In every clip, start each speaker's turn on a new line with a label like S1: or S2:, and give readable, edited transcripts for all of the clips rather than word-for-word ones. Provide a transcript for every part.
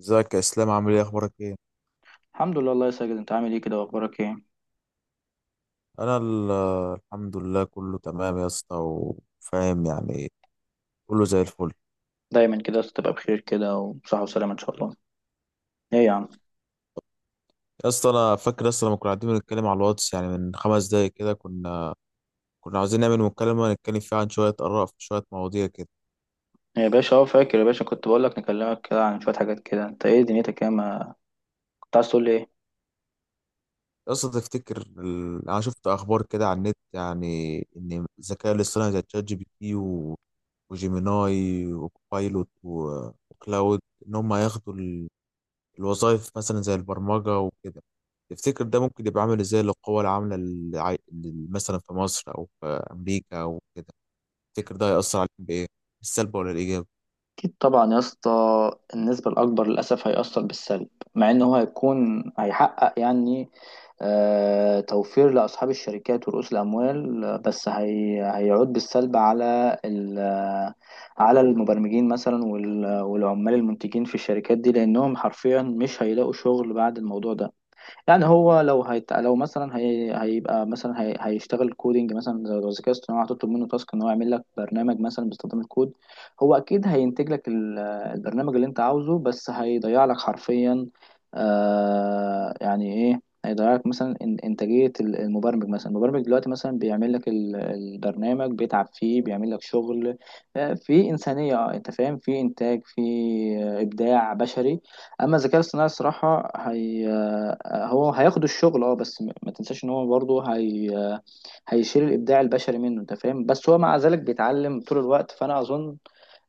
S1: ازيك يا اسلام؟ عامل ايه؟ اخبارك ايه؟
S2: الحمد لله. الله يسجد، انت عامل ايه كده واخبارك ايه؟
S1: انا ال- الحمد لله، كله تمام يا اسطى وفاهم يعني. كله زي الفل.
S2: دايما كده تبقى بخير كده، وصحة وسلامة ان شاء الله. ايه يا عم؟
S1: يا اسطى، انا فاكر يا اسطى لما كنا قاعدين بنتكلم على الواتس، يعني من 5 دقايق كده، كنا عاوزين نعمل مكالمه نتكلم فيها عن شويه اراء في شويه مواضيع كده.
S2: ايه يا باشا؟ اه فاكر يا باشا، كنت بقول لك نكلمك كده عن شوية حاجات كده. انت ايه دنيتك؟ ايه ما كنت عايز تقول لي ايه؟
S1: يا اسطى تفتكر انا شفت اخبار كده على النت، يعني ان الذكاء الاصطناعي زي تشات جي بي تي وجيميناي وكوبايلوت وكلاود ان هم هياخدوا الوظائف، مثلا زي البرمجة وكده. تفتكر ده ممكن يبقى عامل ازاي للقوى العاملة مثلا في مصر أو في أمريكا أو كده؟ تفتكر ده هيأثر عليهم بإيه؟ بالسلب ولا الإيجاب؟
S2: اكيد طبعا يا اسطى، النسبة الاكبر للاسف هيأثر بالسلب. مع ان هو هيكون هيحقق يعني توفير لأصحاب الشركات ورؤوس الأموال، بس هي هيعود بالسلب على المبرمجين مثلا، والعمال المنتجين في الشركات دي، لأنهم حرفيا مش هيلاقوا شغل بعد الموضوع ده. يعني هو هيشتغل كودينج مثلا، زي لو الذكاء الاصطناعي هتطلب منه تاسك ان هو يعمل لك برنامج مثلا باستخدام الكود. هو اكيد هينتج لك البرنامج اللي انت عاوزه، بس هيضيع لك حرفيا. يعني ايه هيضيع لك مثلا؟ انتاجية المبرمج. مثلا المبرمج دلوقتي مثلا بيعمل لك البرنامج، بيتعب فيه، بيعمل لك شغل في إنسانية، انت فاهم، في انتاج، في ابداع بشري. اما الذكاء الاصطناعي الصراحه هي آه، هو هياخد الشغل اه، بس ما تنساش ان هو برضه هي آه، هيشيل الابداع البشري منه، انت فاهم. بس هو مع ذلك بيتعلم طول الوقت، فانا اظن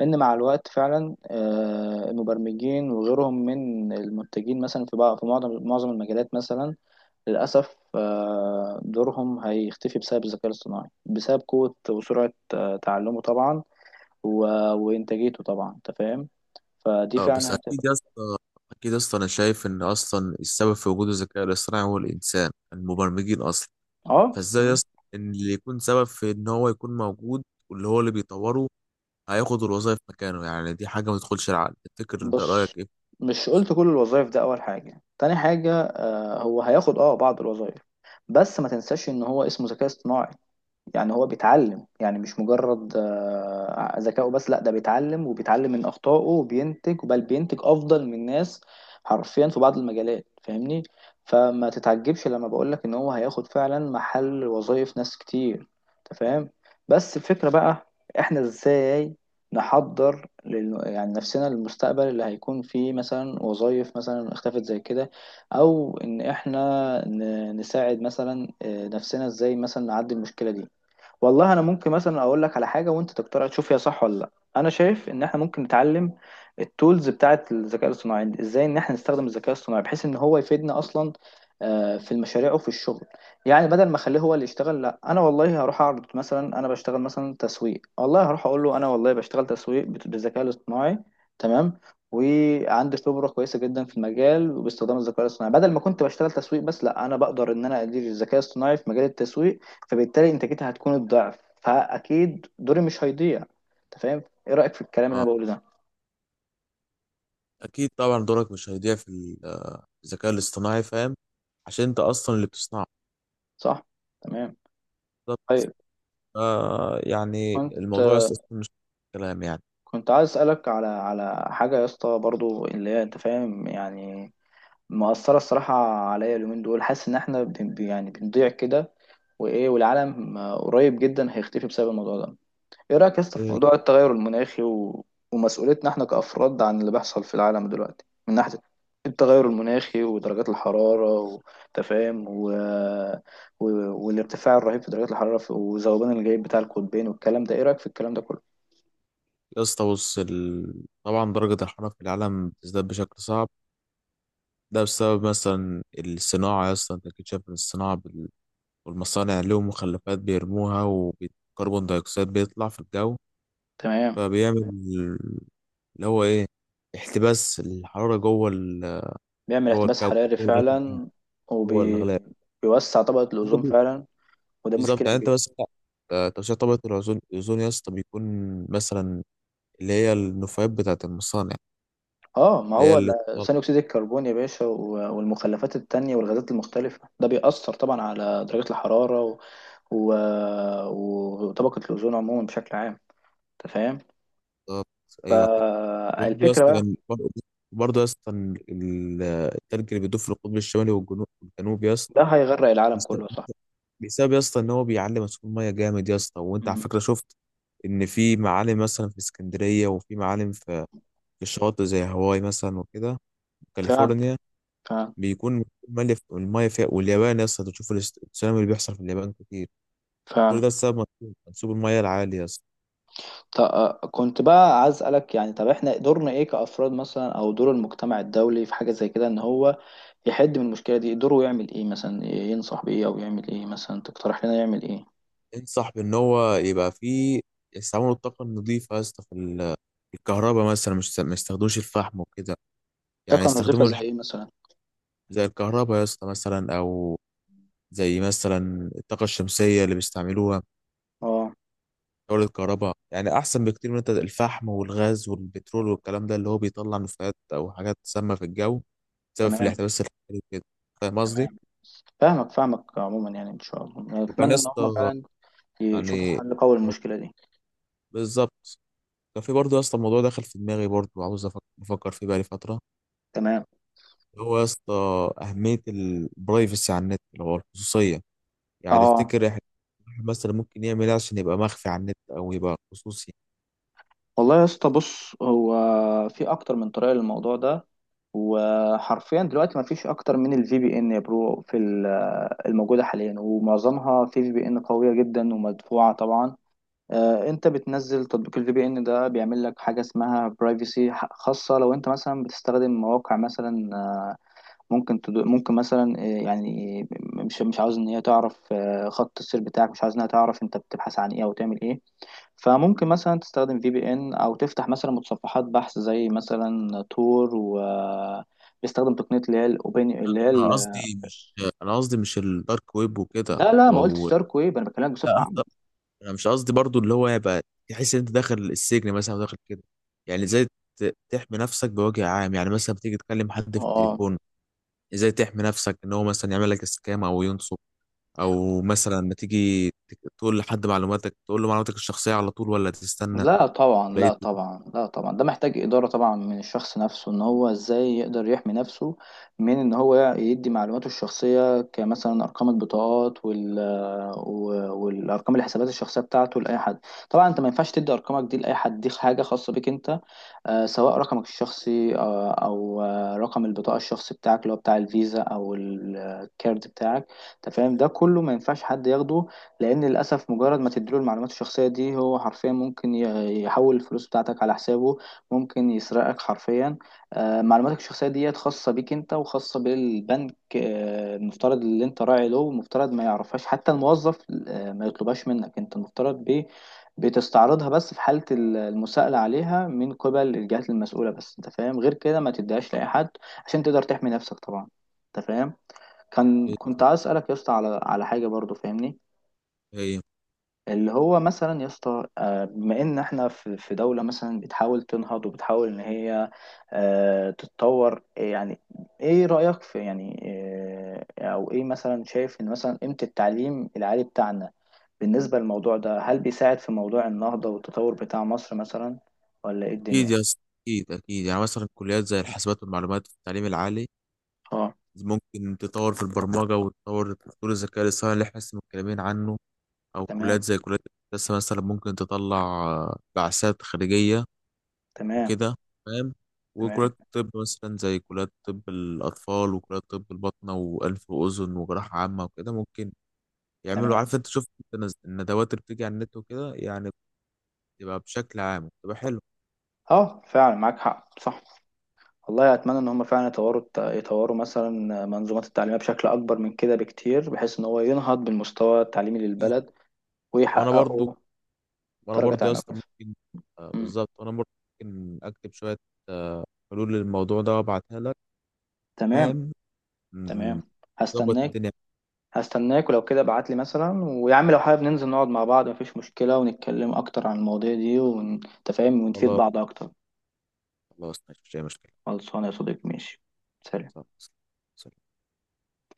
S2: ان مع الوقت فعلا، المبرمجين وغيرهم من المنتجين مثلا في معظم المجالات مثلا، للاسف، دورهم هيختفي بسبب الذكاء الاصطناعي، بسبب قوه وسرعه تعلمه طبعا وانتاجيته طبعا، انت فاهم. فدي
S1: اه بس
S2: فعلا هتبقى.
S1: أكيد يا اسطى، أكيد يا اسطى، أنا شايف إن أصلا السبب في وجود الذكاء الاصطناعي هو الإنسان، المبرمجين أصلا.
S2: اه،
S1: فإزاي يا اسطى إن اللي يكون سبب في إن هو يكون موجود واللي هو اللي بيطوره هياخد الوظائف مكانه؟ يعني دي حاجة ما تدخلش العقل. تفتكر ده
S2: بص،
S1: رأيك إيه؟
S2: مش قلت كل الوظائف ده. اول حاجه، تاني حاجه، هو هياخد اه بعض الوظائف. بس ما تنساش ان هو اسمه ذكاء اصطناعي، يعني هو بيتعلم. يعني مش مجرد ذكائه بس، لا ده بيتعلم وبيتعلم من أخطائه، وبينتج، بل بينتج أفضل من ناس حرفيا في بعض المجالات، فاهمني. فما تتعجبش لما بقولك إن هو هياخد فعلا محل وظائف ناس كتير، أنت فاهم. بس الفكرة بقى، إحنا إزاي نحضر يعني نفسنا للمستقبل اللي هيكون فيه مثلا وظائف مثلا اختفت زي كده، أو إن إحنا نساعد مثلا نفسنا، إزاي مثلا نعدي المشكلة دي. والله انا ممكن مثلا اقول لك على حاجه وانت تقترح تشوف هي صح ولا لا. انا شايف ان احنا ممكن نتعلم التولز بتاعه الذكاء الاصطناعي دي، ازاي ان احنا نستخدم الذكاء الاصطناعي بحيث ان هو يفيدنا اصلا في المشاريع وفي الشغل. يعني بدل ما اخليه هو اللي يشتغل، لا انا والله هروح اعرض مثلا. انا بشتغل مثلا تسويق، والله هروح اقول له انا والله بشتغل تسويق بالذكاء الاصطناعي. تمام. وعندي خبره كويسه جدا في المجال، وباستخدام الذكاء الاصطناعي بدل ما كنت بشتغل تسويق بس، لا انا بقدر ان انا ادير الذكاء الاصطناعي في مجال التسويق، فبالتالي انتاجتها هتكون الضعف، فاكيد دوري مش هيضيع. انت فاهم؟ ايه رايك في الكلام اللي
S1: اه،
S2: انا بقوله ده؟
S1: اكيد طبعا دورك مش هيضيع في الذكاء الاصطناعي، فاهم؟ عشان انت اصلا اللي بتصنعه.
S2: صح. تمام.
S1: بالظبط.
S2: طيب.
S1: يعني
S2: كنت
S1: الموضوع اصلا مش كلام يعني.
S2: كنت عايز اسالك على حاجه يا اسطى، برضو اللي هي انت فاهم يعني، مأثرة الصراحة عليا اليومين دول. حاسس إن إحنا يعني بنضيع كده وإيه، والعالم قريب جدا هيختفي بسبب الموضوع ده. ايه رأيك يا اسطى في
S1: إيه،
S2: موضوع التغير المناخي ومسؤوليتنا احنا كأفراد عن اللي بيحصل في العالم دلوقتي، من ناحية التغير المناخي ودرجات الحرارة وتفاهم و... والارتفاع الرهيب في درجات الحرارة وذوبان الجليد بتاع القطبين والكلام ده؟ ايه رأيك في الكلام ده كله؟
S1: يا اسطى بص، طبعا درجة الحرارة في العالم بتزداد بشكل صعب. ده بسبب مثلا الصناعة، يا اسطى انت اكيد شايف إن الصناعة والمصانع لهم مخلفات بيرموها، وكربون دايوكسيد بيطلع في الجو،
S2: تمام.
S1: فبيعمل اللي هو ايه، احتباس الحرارة
S2: بيعمل
S1: جوه
S2: احتباس
S1: الكوكب،
S2: حراري
S1: جوه الغلاف الجوي،
S2: فعلا،
S1: جوه الغلاف.
S2: وبيوسع طبقة الأوزون فعلا، وده
S1: بالظبط.
S2: مشكلة
S1: يعني انت
S2: كبيرة.
S1: بس، ترشيح طبقة الأوزون. الأوزون يا اسطى بيكون مثلا اللي هي النفايات بتاعة المصانع،
S2: اه، ما
S1: اللي هي
S2: هو
S1: اللي بالظبط.
S2: ثاني اكسيد الكربون يا باشا والمخلفات التانية والغازات المختلفة ده بيأثر طبعا على درجة الحرارة و... وطبقة الأوزون عموما بشكل عام، أنت فاهم؟
S1: أيوه كده. برضه يا
S2: الفكرة
S1: اسطى
S2: بقى.
S1: كان- برضه برضه يا اسطى، التلج اللي بيدوب في القطب الشمالي والجنوب يا
S2: ده
S1: اسطى،
S2: هيغرق العالم
S1: بيس-
S2: كله، صح.
S1: بسبب يا اسطى إن هو بيعلي مسؤول مية جامد يا اسطى. وأنت على
S2: مم.
S1: فكرة شفت إن في معالم مثلا في اسكندرية، وفي معالم في في الشواطئ زي هاواي مثلا وكده،
S2: فعلا.
S1: كاليفورنيا،
S2: فعلا.
S1: بيكون ملف المايه فيها. واليابان يا اسطى، تشوف التسونامي اللي بيحصل في اليابان كتير، كل
S2: فعلا.
S1: ده بسبب منسوب المايه العالي يا اسطى.
S2: طب، كنت بقى عايز أسألك، يعني طب احنا دورنا ايه كأفراد مثلا، او دور المجتمع الدولي في حاجة زي كده ان هو يحد من المشكلة دي؟ دوره يعمل ايه مثلا؟ ينصح بإيه او يعمل ايه مثلا؟ تقترح لنا يعمل ايه؟
S1: انصح بان هو يبقى فيه يستعملوا الطاقه النظيفه يا اسطى في في الكهرباء مثلا، مش ما يستخدموش الفحم وكده.
S2: ده
S1: يعني
S2: كان وظيفة
S1: يستخدموا
S2: زي ايه مثلا؟
S1: زي الكهرباء يا اسطى مثلا، او زي مثلا الطاقه الشمسيه اللي بيستعملوها
S2: اه.
S1: تولد الكهرباء، يعني احسن بكتير من انت الفحم والغاز والبترول والكلام ده اللي هو بيطلع نفايات او حاجات سامه في الجو، بسبب في
S2: تمام.
S1: الاحتباس الحراري وكده. فاهم قصدي؟
S2: تمام. فاهمك فاهمك عموما يعني. ان شاء الله يعني
S1: وكان يا
S2: اتمنى ان هم
S1: اسطى
S2: فعلا يشوفوا
S1: يعني
S2: حل قوي للمشكلة دي.
S1: بالظبط، كان في برضه يا اسطى الموضوع دخل في دماغي، برضه وعاوز بفكر فيه بقالي فترة.
S2: تمام.
S1: هو يا اسطى أهمية البرايفسي على النت اللي هو الخصوصية، يعني
S2: اه،
S1: تفتكر إحنا الواحد مثلا ممكن يعمل ايه عشان يبقى مخفي على النت او يبقى خصوصي؟
S2: والله يا اسطى، بص، هو في اكتر من طريقه للموضوع ده، وحرفيا دلوقتي ما فيش اكتر من الفي بي ان يا برو في الموجوده حاليا، ومعظمها في في بي ان قويه جدا ومدفوعه طبعا. انت بتنزل تطبيق الفي بي ان ده، بيعمل لك حاجه اسمها برايفسي، خاصه لو انت مثلا بتستخدم مواقع مثلا ممكن ممكن مثلا يعني مش عاوز ان هي تعرف خط السير بتاعك، مش عاوز انها تعرف انت بتبحث عن ايه او تعمل ايه. فممكن مثلا تستخدم في بي ان، او تفتح مثلا متصفحات بحث زي مثلا تور و بيستخدم تقنيه اللي هي الاوبن.
S1: انا قصدي مش انا قصدي مش الدارك ويب وكده،
S2: لا لا، ما قلتش
S1: او
S2: دارك ويب، انا بكلمك بصفه
S1: لا،
S2: عامه.
S1: انا مش قصدي برضو اللي هو يبقى تحس ان انت داخل السجن مثلا أو داخل كده. يعني زي تحمي نفسك بوجه عام، يعني مثلا بتيجي تكلم حد في
S2: اه،
S1: التليفون، ازاي تحمي نفسك ان هو مثلا يعمل لك سكام او ينصب، او مثلا لما تيجي تقول لحد معلوماتك، تقول له معلوماتك الشخصيه على طول ولا تستنى؟
S2: لا طبعا،
S1: ولا ايه؟
S2: لا طبعا، لا طبعا، ده محتاج إدارة طبعا من الشخص نفسه ان هو ازاي يقدر يحمي نفسه من ان هو يدي معلوماته الشخصية كمثلا ارقام البطاقات والارقام الحسابات الشخصية بتاعته لاي حد. طبعا انت ما ينفعش تدي ارقامك دي لاي حد، دي حاجة خاصة بيك انت، سواء رقمك الشخصي، او رقم البطاقة الشخصي بتاعك اللي هو بتاع الفيزا او الكارد بتاعك. انت فاهم، ده كله ما ينفعش حد ياخده، لان للاسف مجرد ما تديله المعلومات الشخصيه دي هو حرفيا ممكن يحول الفلوس بتاعتك على حسابه، ممكن يسرقك حرفيا. معلوماتك الشخصيه ديت خاصه بيك انت وخاصه بالبنك، المفترض اللي انت راعي له، المفترض ما يعرفهاش حتى الموظف. ما يطلبهاش منك انت، المفترض بتستعرضها بس في حالة المساءلة عليها من قبل الجهات المسؤولة بس، انت فاهم. غير كده ما تديهاش لأي حد عشان تقدر تحمي نفسك طبعا. انت فاهم؟
S1: إيه-
S2: كنت عايز أسألك يا اسطى على حاجة برضو، فاهمني،
S1: إيه؟
S2: اللي هو مثلا يا اسطى بما ان احنا في دوله مثلا بتحاول تنهض وبتحاول ان هي تتطور يعني. ايه رايك في يعني، او ايه مثلا شايف ان مثلا قيمه التعليم العالي بتاعنا بالنسبه للموضوع ده؟ هل بيساعد في موضوع النهضه والتطور بتاع مصر مثلا، ولا ايه
S1: اكيد
S2: الدنيا؟
S1: يا اسطى، اكيد، يعني مثلا كليات زي الحاسبات والمعلومات في التعليم العالي
S2: اه.
S1: ممكن تطور في البرمجه وتطور في تطوير الذكاء الاصطناعي اللي احنا لسه متكلمين عنه، او
S2: تمام.
S1: كليات زي كليات الهندسه مثلا ممكن تطلع بعثات خارجيه
S2: تمام.
S1: وكده، فاهم؟ وكليات
S2: تمام.
S1: الطب مثلا زي كليات طب الأطفال وكليات طب الباطنة وأنف وأذن وجراحة عامة وكده ممكن يعملوا،
S2: تمام.
S1: عارف أنت شفت أنت الندوات اللي بتيجي على النت وكده، يعني بتبقى بشكل عام بتبقى حلوة.
S2: اه، فعلا معاك حق، صح. والله اتمنى ان هم فعلا يطوروا مثلا منظومات التعليميه بشكل اكبر من كده بكتير، بحيث ان هو ينهض بالمستوى التعليمي للبلد،
S1: وأنا برضو
S2: ويحققوا
S1: وأنا
S2: درجه
S1: برضو يا
S2: تعليميه
S1: اسطى
S2: كويسه.
S1: ممكن،
S2: أمم.
S1: بالظبط. وأنا برضو ممكن أكتب شوية آه، حلول للموضوع ده وأبعتها لك،
S2: تمام.
S1: فاهم؟ مم،
S2: تمام.
S1: ظبط
S2: هستناك.
S1: الدنيا.
S2: هستناك، ولو كده ابعت لي مثلا. ويا عم لو حابب ننزل نقعد مع بعض مفيش مشكله، ونتكلم اكتر عن المواضيع دي ونتفاهم ونفيد
S1: خلاص،
S2: بعض اكتر.
S1: خلاص ماشي، مش مشكلة.
S2: خلصانه يا صديقي، ماشي، سلام.
S1: خلاص.